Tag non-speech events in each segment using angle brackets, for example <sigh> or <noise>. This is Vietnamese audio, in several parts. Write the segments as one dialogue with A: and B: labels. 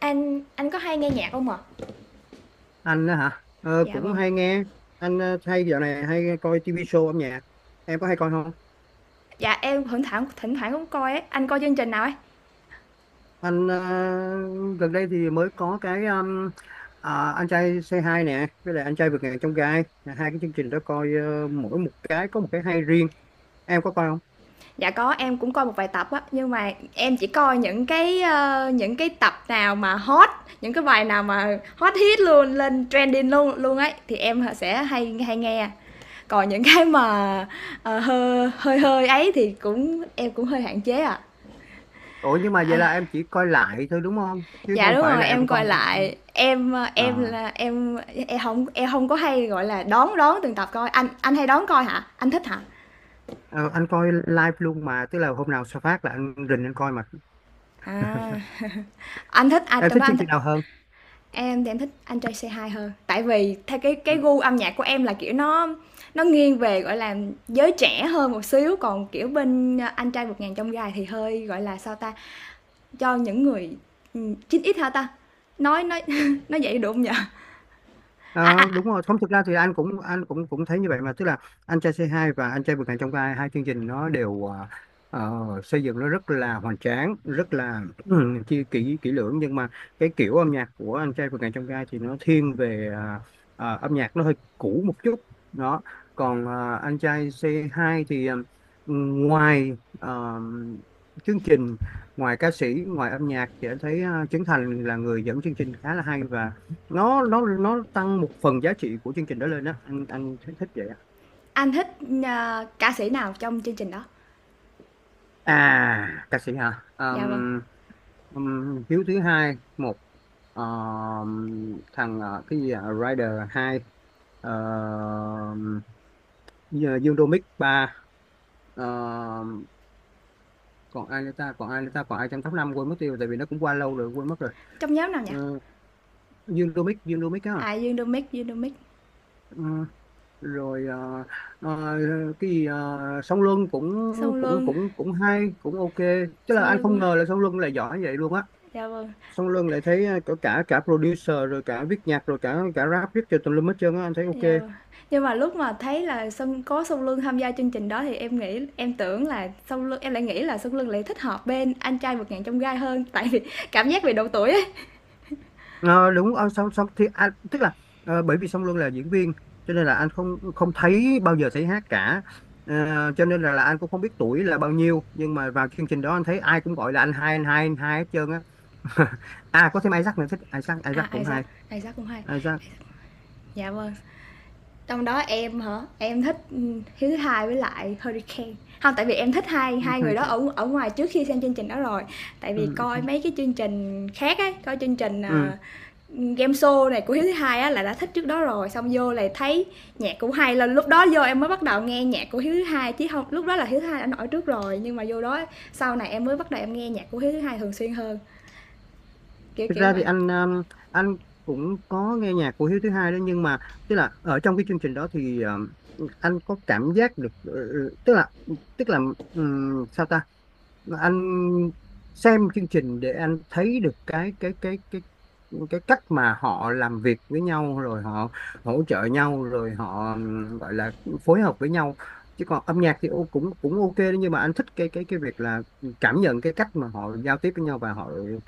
A: Anh có hay nghe nhạc không ạ? À?
B: Anh á hả? Ờ,
A: Dạ
B: Cũng
A: vâng.
B: hay nghe. Anh hay dạo này hay coi TV show âm nhạc. Em có hay coi không?
A: Dạ em thỉnh thoảng cũng coi ấy. Anh coi chương trình nào ấy?
B: Anh gần đây thì mới có cái, anh trai Say Hi nè, với lại anh trai vượt ngàn chông gai. Hai cái chương trình đó coi mỗi một cái có một cái hay riêng. Em có coi không?
A: Dạ có, em cũng coi một vài tập á, nhưng mà em chỉ coi những cái tập nào mà hot, những cái bài nào mà hot hit luôn, lên trending luôn luôn ấy thì em sẽ hay hay nghe. Còn những cái mà, hơi hơi hơi ấy thì em cũng hơi hạn chế ạ.
B: Ủa nhưng mà
A: À.
B: vậy
A: À.
B: là em chỉ coi lại thôi đúng không, chứ
A: Dạ
B: không
A: đúng
B: phải
A: rồi,
B: là
A: em
B: em
A: coi
B: coi.
A: lại. Em, ờ, em
B: à,
A: là em Em không có hay, gọi là, đón đón từng tập coi. Anh hay đón coi hả? Anh thích hả?
B: ờ, anh coi live luôn mà, tức là hôm nào sao phát là anh rình anh coi mà.
A: À, anh thích ai
B: Em
A: trong
B: thích
A: đó, anh
B: chương
A: thích.
B: trình nào hơn?
A: Em thì em thích Anh Trai Say Hi hơn. Tại vì theo cái
B: Ừ.
A: gu âm nhạc của em là, kiểu, nó nghiêng về, gọi là, giới trẻ hơn một xíu, còn, kiểu, bên Anh Trai Vượt Ngàn Chông Gai thì hơi, gọi là, sao ta, cho những người, chín 9X hả ta? Nói <laughs> nói vậy được hông nhỉ? A,
B: Ờ,
A: a,
B: Đúng rồi, không thực ra thì anh cũng cũng thấy như vậy mà, tức là anh trai C2 và anh trai vượt ngàn chông gai, hai chương trình nó đều ờ, xây dựng nó rất là hoành tráng, rất là <clears throat> chi kỹ kỹ lưỡng. Nhưng mà cái kiểu âm nhạc của anh trai vượt ngàn chông gai thì nó thiên về âm nhạc nó hơi cũ một chút đó. Còn anh trai C2 thì ngoài ờ, chương trình, ngoài ca sĩ, ngoài âm nhạc thì anh thấy Trấn Thành là người dẫn chương trình khá là hay, và nó tăng một phần giá trị của chương trình đó lên á. Anh thích, thích vậy á.
A: anh thích, ơ, ca sĩ nào trong chương trình đó?
B: Ca sĩ hả?
A: Dạ vâng.
B: Hiếu thứ hai một. Thằng cái gì à? Rider hai. Ờm, Dương Đô Mic ba. Ờm, Còn ai nữa ta, còn ai nữa ta, còn ai trong top năm, quên mất tiêu tại vì nó cũng qua lâu rồi, quên mất rồi.
A: Trong nhóm nào nhỉ?
B: Ờ, Dương Đô Mic, Dương Đô Mic
A: À, Dương Đô Mic, Dương Đô Mic.
B: á. Rồi à, cái gì à, song luân cũng
A: Sông
B: cũng
A: Luân,
B: cũng cũng hay, cũng ok. Chứ là
A: Sông
B: anh
A: Luân
B: không
A: đúng.
B: ngờ là song luân lại giỏi vậy luôn á.
A: Dạ vâng,
B: Song luân lại thấy à, cả cả cả producer rồi, cả viết nhạc rồi, cả cả rap viết cho tùm lum hết trơn á, anh thấy
A: dạ
B: ok.
A: vâng. Nhưng mà lúc mà thấy là có Sông Luân tham gia chương trình đó thì em nghĩ em tưởng là Sông Luân, em lại nghĩ là Sông Luân lại thích hợp bên anh trai vượt ngàn trong gai hơn, tại vì <laughs> cảm giác về độ tuổi ấy.
B: Ờ, Đúng song song thì anh tức là bởi vì song luân là diễn viên cho nên là anh không không thấy, bao giờ thấy hát cả. Ờ, cho nên là anh cũng không biết tuổi là bao nhiêu, nhưng mà vào chương trình đó anh thấy ai cũng gọi là anh hai, anh hai, anh hai hết trơn á. <laughs> À có thêm Isaac nữa, thích Isaac,
A: À,
B: Isaac cũng
A: Isaac,
B: hay.
A: Isaac cũng hay.
B: À, ra
A: Dạ vâng. Trong đó em hả? Em thích ừ, Hiếu thứ hai với lại Hurricane. Không tại vì em thích hai hai người đó
B: Hurricane.
A: ở ở ngoài trước khi xem chương trình đó rồi. Tại vì
B: Ừ. ừ,
A: coi mấy cái chương trình khác ấy, coi chương trình
B: ừ.
A: game show này của hiếu thứ hai á là đã thích trước đó rồi, xong vô lại thấy nhạc cũng hay, là lúc đó vô em mới bắt đầu nghe nhạc của hiếu thứ hai, chứ không lúc đó là hiếu thứ hai đã nổi trước rồi, nhưng mà vô đó sau này em mới bắt đầu em nghe nhạc của hiếu thứ hai thường xuyên hơn, kiểu
B: Thực
A: kiểu
B: ra thì
A: vậy.
B: anh, anh cũng có nghe nhạc của Hiếu thứ hai đó, nhưng mà tức là ở trong cái chương trình đó thì, anh có cảm giác được, tức là, tức là sao ta, anh xem chương trình để anh thấy được cái cái cách mà họ làm việc với nhau, rồi họ hỗ trợ nhau, rồi họ gọi là phối hợp với nhau. Chứ còn âm nhạc thì cũng cũng ok đấy, nhưng mà anh thích cái việc là cảm nhận cái cách mà họ giao tiếp với nhau, và họ ừ,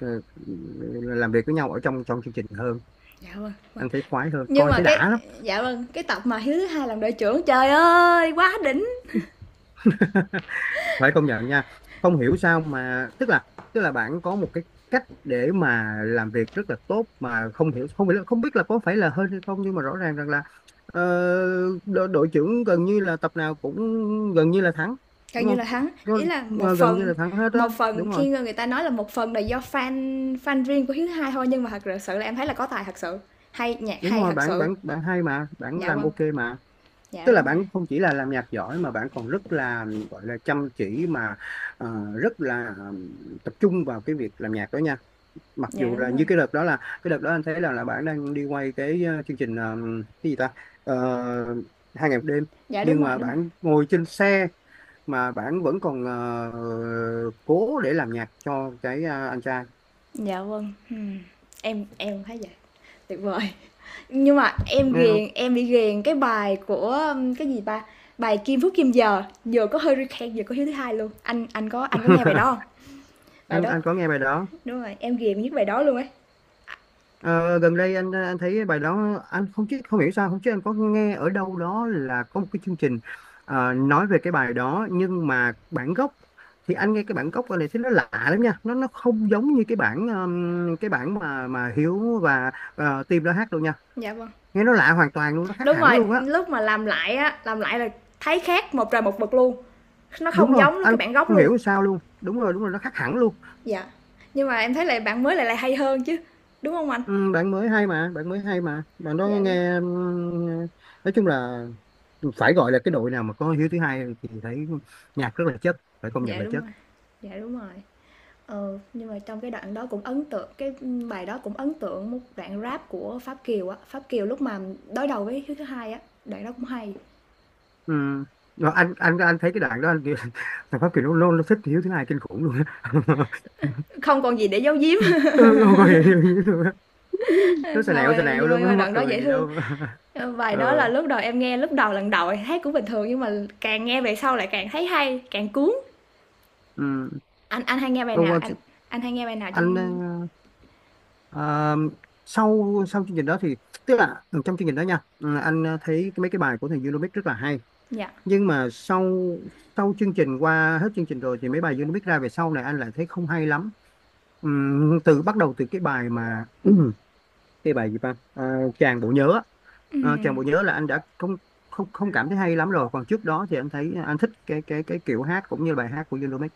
B: làm việc với nhau ở trong trong chương trình hơn.
A: Dạ vâng.
B: Anh thấy khoái hơn,
A: Nhưng
B: coi
A: mà
B: thấy
A: cái,
B: đã lắm.
A: dạ vâng, cái tập mà hiếu thứ hai làm đội trưởng trời ơi quá đỉnh.
B: Phải công nhận nha, không hiểu sao mà, tức là, bạn có một cái cách để mà làm việc rất là tốt, mà không hiểu, không biết là có phải là hên hay không, nhưng mà rõ ràng rằng là ờ, đội trưởng gần như là tập nào cũng gần như là thắng.
A: Gần
B: Đúng
A: như
B: không?
A: là thắng
B: Có-
A: ý là một
B: Gần như
A: phần.
B: là thắng hết
A: Một
B: đó,
A: phần
B: đúng rồi.
A: khi người ta nói là một phần là do fan fan riêng của hiếu thứ hai thôi, nhưng mà thật sự là em thấy là có tài thật sự, hay nhạc
B: Đúng
A: hay
B: rồi,
A: thật
B: bạn
A: sự.
B: bạn bạn hay mà, bạn
A: Dạ
B: làm
A: vâng.
B: ok mà.
A: Dạ
B: Tức là
A: đúng rồi.
B: bạn không chỉ là làm nhạc giỏi, mà bạn còn rất là, gọi là, chăm chỉ mà, ờ, rất là tập trung vào cái việc làm nhạc đó nha. Mặc
A: Dạ,
B: dù là
A: đúng
B: như
A: rồi.
B: cái đợt đó, là cái đợt đó anh thấy là, bạn đang đi quay cái chương trình, cái gì ta, Ờ, hai ngày một đêm.
A: Dạ, đúng
B: Nhưng
A: rồi,
B: mà
A: đúng rồi.
B: bạn ngồi trên xe mà bạn vẫn còn cố để làm nhạc cho cái anh trai.
A: Dạ, vâng, em cũng thấy vậy, tuyệt vời. Nhưng mà em
B: Nghe không?
A: ghiền em bị ghiền cái bài của, cái gì ta, bài Kim Phúc Kim Giờ, vừa có Hurricane vừa có Hiếu thứ Hai luôn. Anh có nghe bài đó hông?
B: <laughs>
A: Bài
B: anh
A: đó
B: anh có nghe bài đó.
A: đúng rồi, em ghiền nhất bài đó luôn ấy.
B: Ờ, Gần đây anh thấy bài đó, anh không biết không hiểu sao không, chứ anh có nghe ở đâu đó là có một cái chương trình nói về cái bài đó, nhưng mà bản gốc thì anh nghe cái bản gốc này thấy nó lạ lắm nha, nó không giống như cái bản mà Hiếu và Tim đã hát đâu nha.
A: Dạ, vâng.
B: Nghe nó lạ hoàn toàn luôn, nó khác
A: Đúng
B: hẳn
A: rồi,
B: luôn á.
A: lúc mà làm lại á, làm lại là thấy khác một trời một vực luôn, nó
B: Đúng
A: không
B: rồi,
A: giống luôn cái
B: anh
A: bản gốc
B: không
A: luôn.
B: hiểu sao luôn, đúng rồi, đúng rồi, nó khác hẳn luôn.
A: Dạ, nhưng mà em thấy lại bản mới lại lại hay hơn chứ, đúng không anh?
B: Ừ, bạn mới hay mà, bạn mới hay mà, bạn đó
A: Dạ, đúng.
B: nghe nói chung là, phải gọi là cái đội nào mà có Hiếu thứ hai thì thấy nhạc rất là chất, phải công nhận
A: Dạ,
B: là
A: đúng
B: chất.
A: rồi. Dạ, đúng rồi. Ờ, nhưng mà trong cái đoạn đó cũng ấn tượng cái, bài đó cũng ấn tượng một đoạn rap của Pháp Kiều á. Pháp Kiều lúc mà đối đầu với Hiếu thứ hai á, đoạn đó cũng hay.
B: Ừ. Rồi anh thấy cái đoạn đó, anh kiểu, <laughs> thằng Pháp Kiều nó thích Hiếu thứ hai kinh khủng luôn á. <laughs>
A: Không còn gì để giấu giếm,
B: Ừ, không có hiểu Hiếu luôn á.
A: <laughs>
B: Nó xà
A: hông
B: nẹo, xà
A: à,
B: nẹo
A: nhưng mà
B: luôn
A: nhưng
B: á,
A: mà
B: mắc
A: đoạn đó
B: cười
A: dễ
B: gì
A: thương.
B: đâu. <laughs>
A: Bài đó là
B: ờ
A: lúc đầu lần đầu hát cũng bình thường, nhưng mà càng nghe về sau lại càng thấy hay, càng cuốn.
B: ừ.
A: Anh hay nghe bài
B: Còn
A: nào?
B: còn
A: Anh hay nghe bài nào
B: anh
A: trong.
B: ờ, sau sau chương trình đó thì, tức là trong chương trình đó nha, anh thấy mấy cái bài của thằng Unomic rất là hay.
A: Dạ.
B: Nhưng mà sau, chương trình, qua hết chương trình rồi, thì mấy bài Unomic ra về sau này anh lại thấy không hay lắm. Từ bắt đầu, từ cái bài mà <clears throat> cái bài gì ta, à, chàng bộ nhớ á. À, chàng
A: Ừm,
B: bộ nhớ là anh đã không không không cảm thấy hay lắm rồi. Còn trước đó thì anh thấy anh thích cái kiểu hát cũng như bài hát của Yellowmix.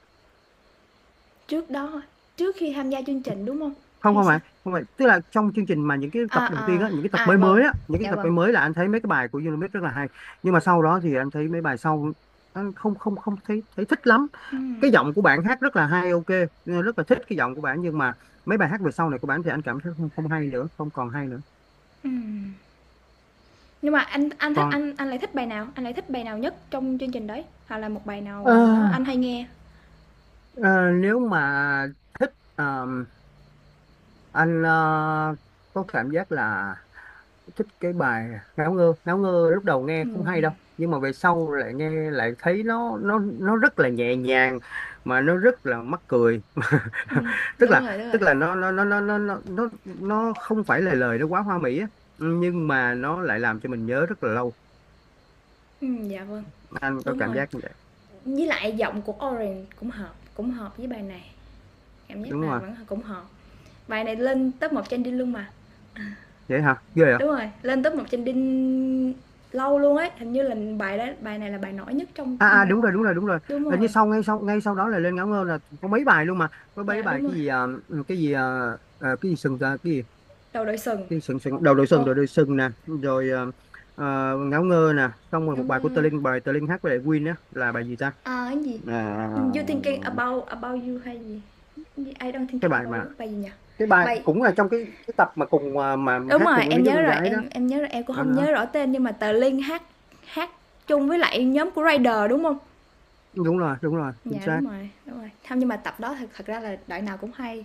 A: trước đó trước khi tham gia chương trình, đúng không?
B: không
A: Hay
B: không phải
A: sao?
B: không phải tức là trong chương trình, mà những cái tập đầu tiên
A: À, à,
B: á, những cái tập
A: à,
B: mới
A: vâng,
B: mới á, những cái
A: dạ
B: tập
A: vâng.
B: mới mới là anh thấy mấy cái bài của Yellowmix rất là hay. Nhưng mà sau đó thì anh thấy mấy bài sau anh không không không thấy thấy thích lắm.
A: Ừm,
B: Cái giọng của bạn hát rất là hay, ok, rất là thích cái giọng của bạn, nhưng mà mấy bài hát về sau này của bạn thì anh cảm thấy không, không hay nữa, không còn hay nữa.
A: ừm. Nhưng mà anh thích
B: Còn
A: anh lại thích bài nào? Anh lại thích bài nào nhất trong chương trình đấy? Hoặc là một bài nào
B: Ờ,
A: đó anh hay nghe?
B: ờ, nếu mà thích anh có cảm giác là thích cái bài Ngáo Ngơ. Ngáo Ngơ lúc đầu nghe không hay đâu,
A: Ừm,
B: nhưng mà về sau lại nghe, lại thấy nó rất là nhẹ nhàng, mà nó rất là mắc cười.
A: ừm,
B: Tức
A: đúng rồi,
B: là,
A: đúng rồi.
B: nó không phải là lời nó quá hoa mỹ á, nhưng mà nó lại làm cho mình nhớ rất là lâu.
A: Dạ vâng,
B: Anh có
A: đúng
B: cảm
A: rồi.
B: giác như vậy.
A: Với lại giọng của Orange cũng hợp với bài này. Cảm
B: Đúng
A: giác
B: không
A: là
B: ạ?
A: vẫn cũng hợp. Bài này lên top 1 trending luôn mà.
B: Vậy hả, ghê hả?
A: Đúng rồi, lên top 1 trending lâu luôn ấy, hình như là bài đó, bài này là bài nổi nhất trong
B: À, à,
A: ừm,
B: đúng rồi, đúng rồi, đúng rồi.
A: Đúng
B: Như
A: rồi.
B: sau, ngay sau, đó là lên Ngáo Ngơ là có mấy bài luôn mà. Có mấy
A: Dạ
B: bài,
A: đúng rồi.
B: cái gì à, cái gì à, à, cái gì sừng à, cái gì,
A: Đầu đội sừng.
B: sừng sừng, đầu đội sừng,
A: Ồ,
B: đầu đội sừng nè, rồi à, à, Ngáo Ngơ nè, xong rồi một
A: ngắm
B: bài của Tơ
A: ờ,
B: Linh, bài Tơ Linh hát với lại Win á, là bài gì ta,
A: À, cái gì?
B: à,
A: You thinking about you hay gì? Cái gì? I don't
B: cái
A: thinking
B: bài
A: about
B: mà,
A: you. Bài gì nhỉ?
B: cái bài
A: Bài
B: cũng là trong cái, tập mà cùng, à, mà
A: Đúng
B: hát
A: rồi,
B: cùng với
A: em
B: mấy đứa
A: nhớ
B: con
A: rồi,
B: gái đó.
A: em nhớ rồi, em cũng
B: Đó,
A: không
B: đó.
A: nhớ rõ tên, nhưng mà tờ Linh hát hát chung với lại nhóm của Rider đúng không?
B: Đúng rồi, đúng rồi, chính
A: Dạ
B: xác.
A: đúng rồi, đúng rồi. Không, nhưng mà tập đó thật thật ra là đội nào cũng hay.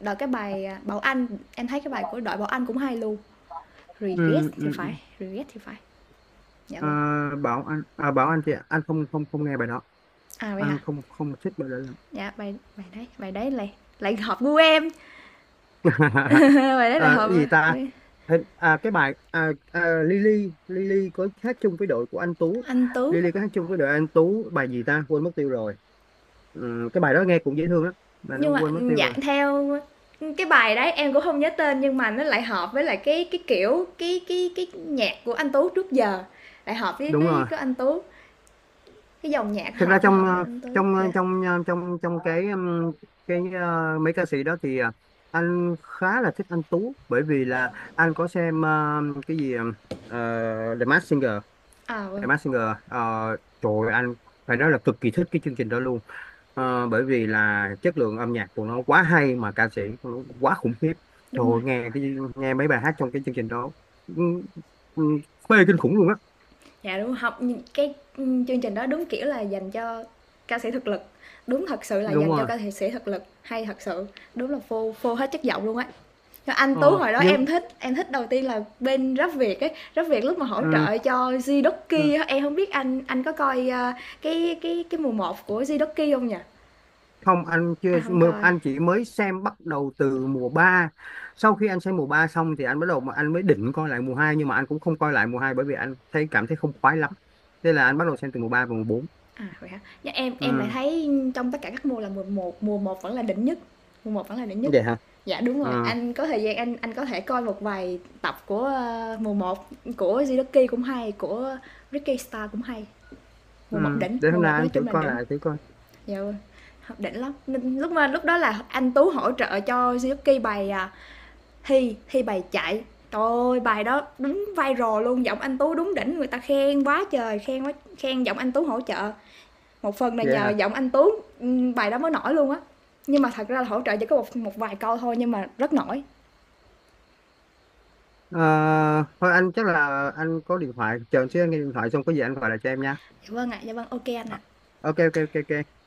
A: Đội cái bài à, Bảo Anh, em thấy cái bài của đội Bảo Anh cũng hay luôn. Regret
B: Ừ, ừ.
A: thì
B: Ừ.
A: phải, regret thì phải. Dạ
B: À,
A: vâng.
B: bảo anh, thì anh không không không nghe bài đó.
A: À vậy hả?
B: Anh không không thích bài đó.
A: Dạ bài bài đấy lại lại hợp gu em.
B: <laughs>
A: <laughs> bài đấy lại
B: Ờ, cái gì
A: hợp gu
B: ta.
A: em.
B: Hình, à, cái bài, à, à, Lily Lily có hát chung với đội của anh Tú.
A: Anh Tú.
B: Lily có hát chung với đội anh Tú bài gì ta, quên mất tiêu rồi. Ừ, cái bài đó nghe cũng dễ thương lắm, mà nó
A: Nhưng mà,
B: quên mất tiêu
A: dạ,
B: rồi.
A: theo cái bài đấy em cũng không nhớ tên, nhưng mà nó lại hợp với lại cái kiểu, cái nhạc của anh Tú trước giờ, lại hợp với
B: Đúng
A: cái
B: rồi.
A: cái anh Tú, cái dòng nhạc
B: Thực ra
A: hợp nó
B: trong
A: hợp với anh Tú, dạ.
B: trong ờ, trong trong cái, mấy ca sĩ đó thì anh khá là thích anh Tú, bởi vì là anh có xem cái gì, ờ, The Masked Singer,
A: À
B: The
A: vâng,
B: Masked Singer. Trời ơi, anh phải nói là cực kỳ thích cái chương trình đó luôn. Bởi vì là chất lượng âm nhạc của nó quá hay, mà ca sĩ của nó quá khủng khiếp. Trời
A: đúng
B: ơi,
A: rồi,
B: nghe cái, mấy bài hát trong cái chương trình đó, ừ, ừ, phê kinh khủng luôn á.
A: dạ, đúng học cái, chương trình đó đúng kiểu là dành cho ca sĩ thực lực, đúng thật sự là
B: Đúng
A: dành cho
B: rồi.
A: ca sĩ thực lực, hay thật sự, đúng là phô phô hết chất giọng luôn á. Anh Tú
B: ờ,
A: hồi đó
B: nhưng,
A: em thích đầu tiên là bên Rap Việt ấy, Rap Việt lúc mà hỗ
B: ừ,
A: trợ cho
B: ừ.
A: Zidoki, em không biết anh có coi, cái mùa một của Zidoki không nhỉ?
B: Không, anh chưa
A: À, không
B: mơ-
A: coi,
B: anh chỉ mới xem, bắt đầu từ mùa ba. Sau khi anh xem mùa 3 xong thì anh bắt đầu, mà anh mới định coi lại mùa hai, nhưng mà anh cũng không coi lại mùa hai, bởi vì anh thấy cảm thấy không khoái lắm, nên là anh bắt đầu xem từ mùa 3 và mùa bốn.
A: à, vậy hả? Nhưng em lại
B: Ừ.
A: thấy trong tất cả các mùa là mùa một, mùa một vẫn là đỉnh nhất, mùa một vẫn là đỉnh nhất.
B: Vậy hả.
A: Dạ, đúng
B: Ừ.
A: rồi, anh có thời gian anh có thể coi một vài tập của, ơ, mùa một của Zidoki cũng hay, của Ricky star cũng hay, mùa
B: Ừ.
A: một đỉnh,
B: Để
A: mùa
B: hôm nay
A: một nói
B: anh thử
A: chung là
B: coi
A: đỉnh.
B: lại, thử coi.
A: Dạ vâng, học đỉnh lắm. Lúc đó là anh Tú hỗ trợ cho Suzuki bài, à, thi bài chạy. Trời ơi, bài đó đúng viral luôn, giọng anh Tú đúng đỉnh, người ta khen quá trời, khen quá, khen giọng anh Tú hỗ trợ. Một phần là
B: Vậy
A: nhờ
B: hả.
A: giọng anh Tú, ừ, bài đó mới nổi luôn á. Nhưng mà thật ra là hỗ trợ chỉ có một một vài câu thôi, nhưng mà rất nổi.
B: Ờ, Thôi anh chắc là anh có điện thoại, chờ anh xíu, anh nghe điện thoại xong có gì anh gọi lại cho em nha.
A: Dạ vâng ạ, dạ vâng, ok anh
B: Ờ,
A: ạ.
B: ok, ok, ok, ok.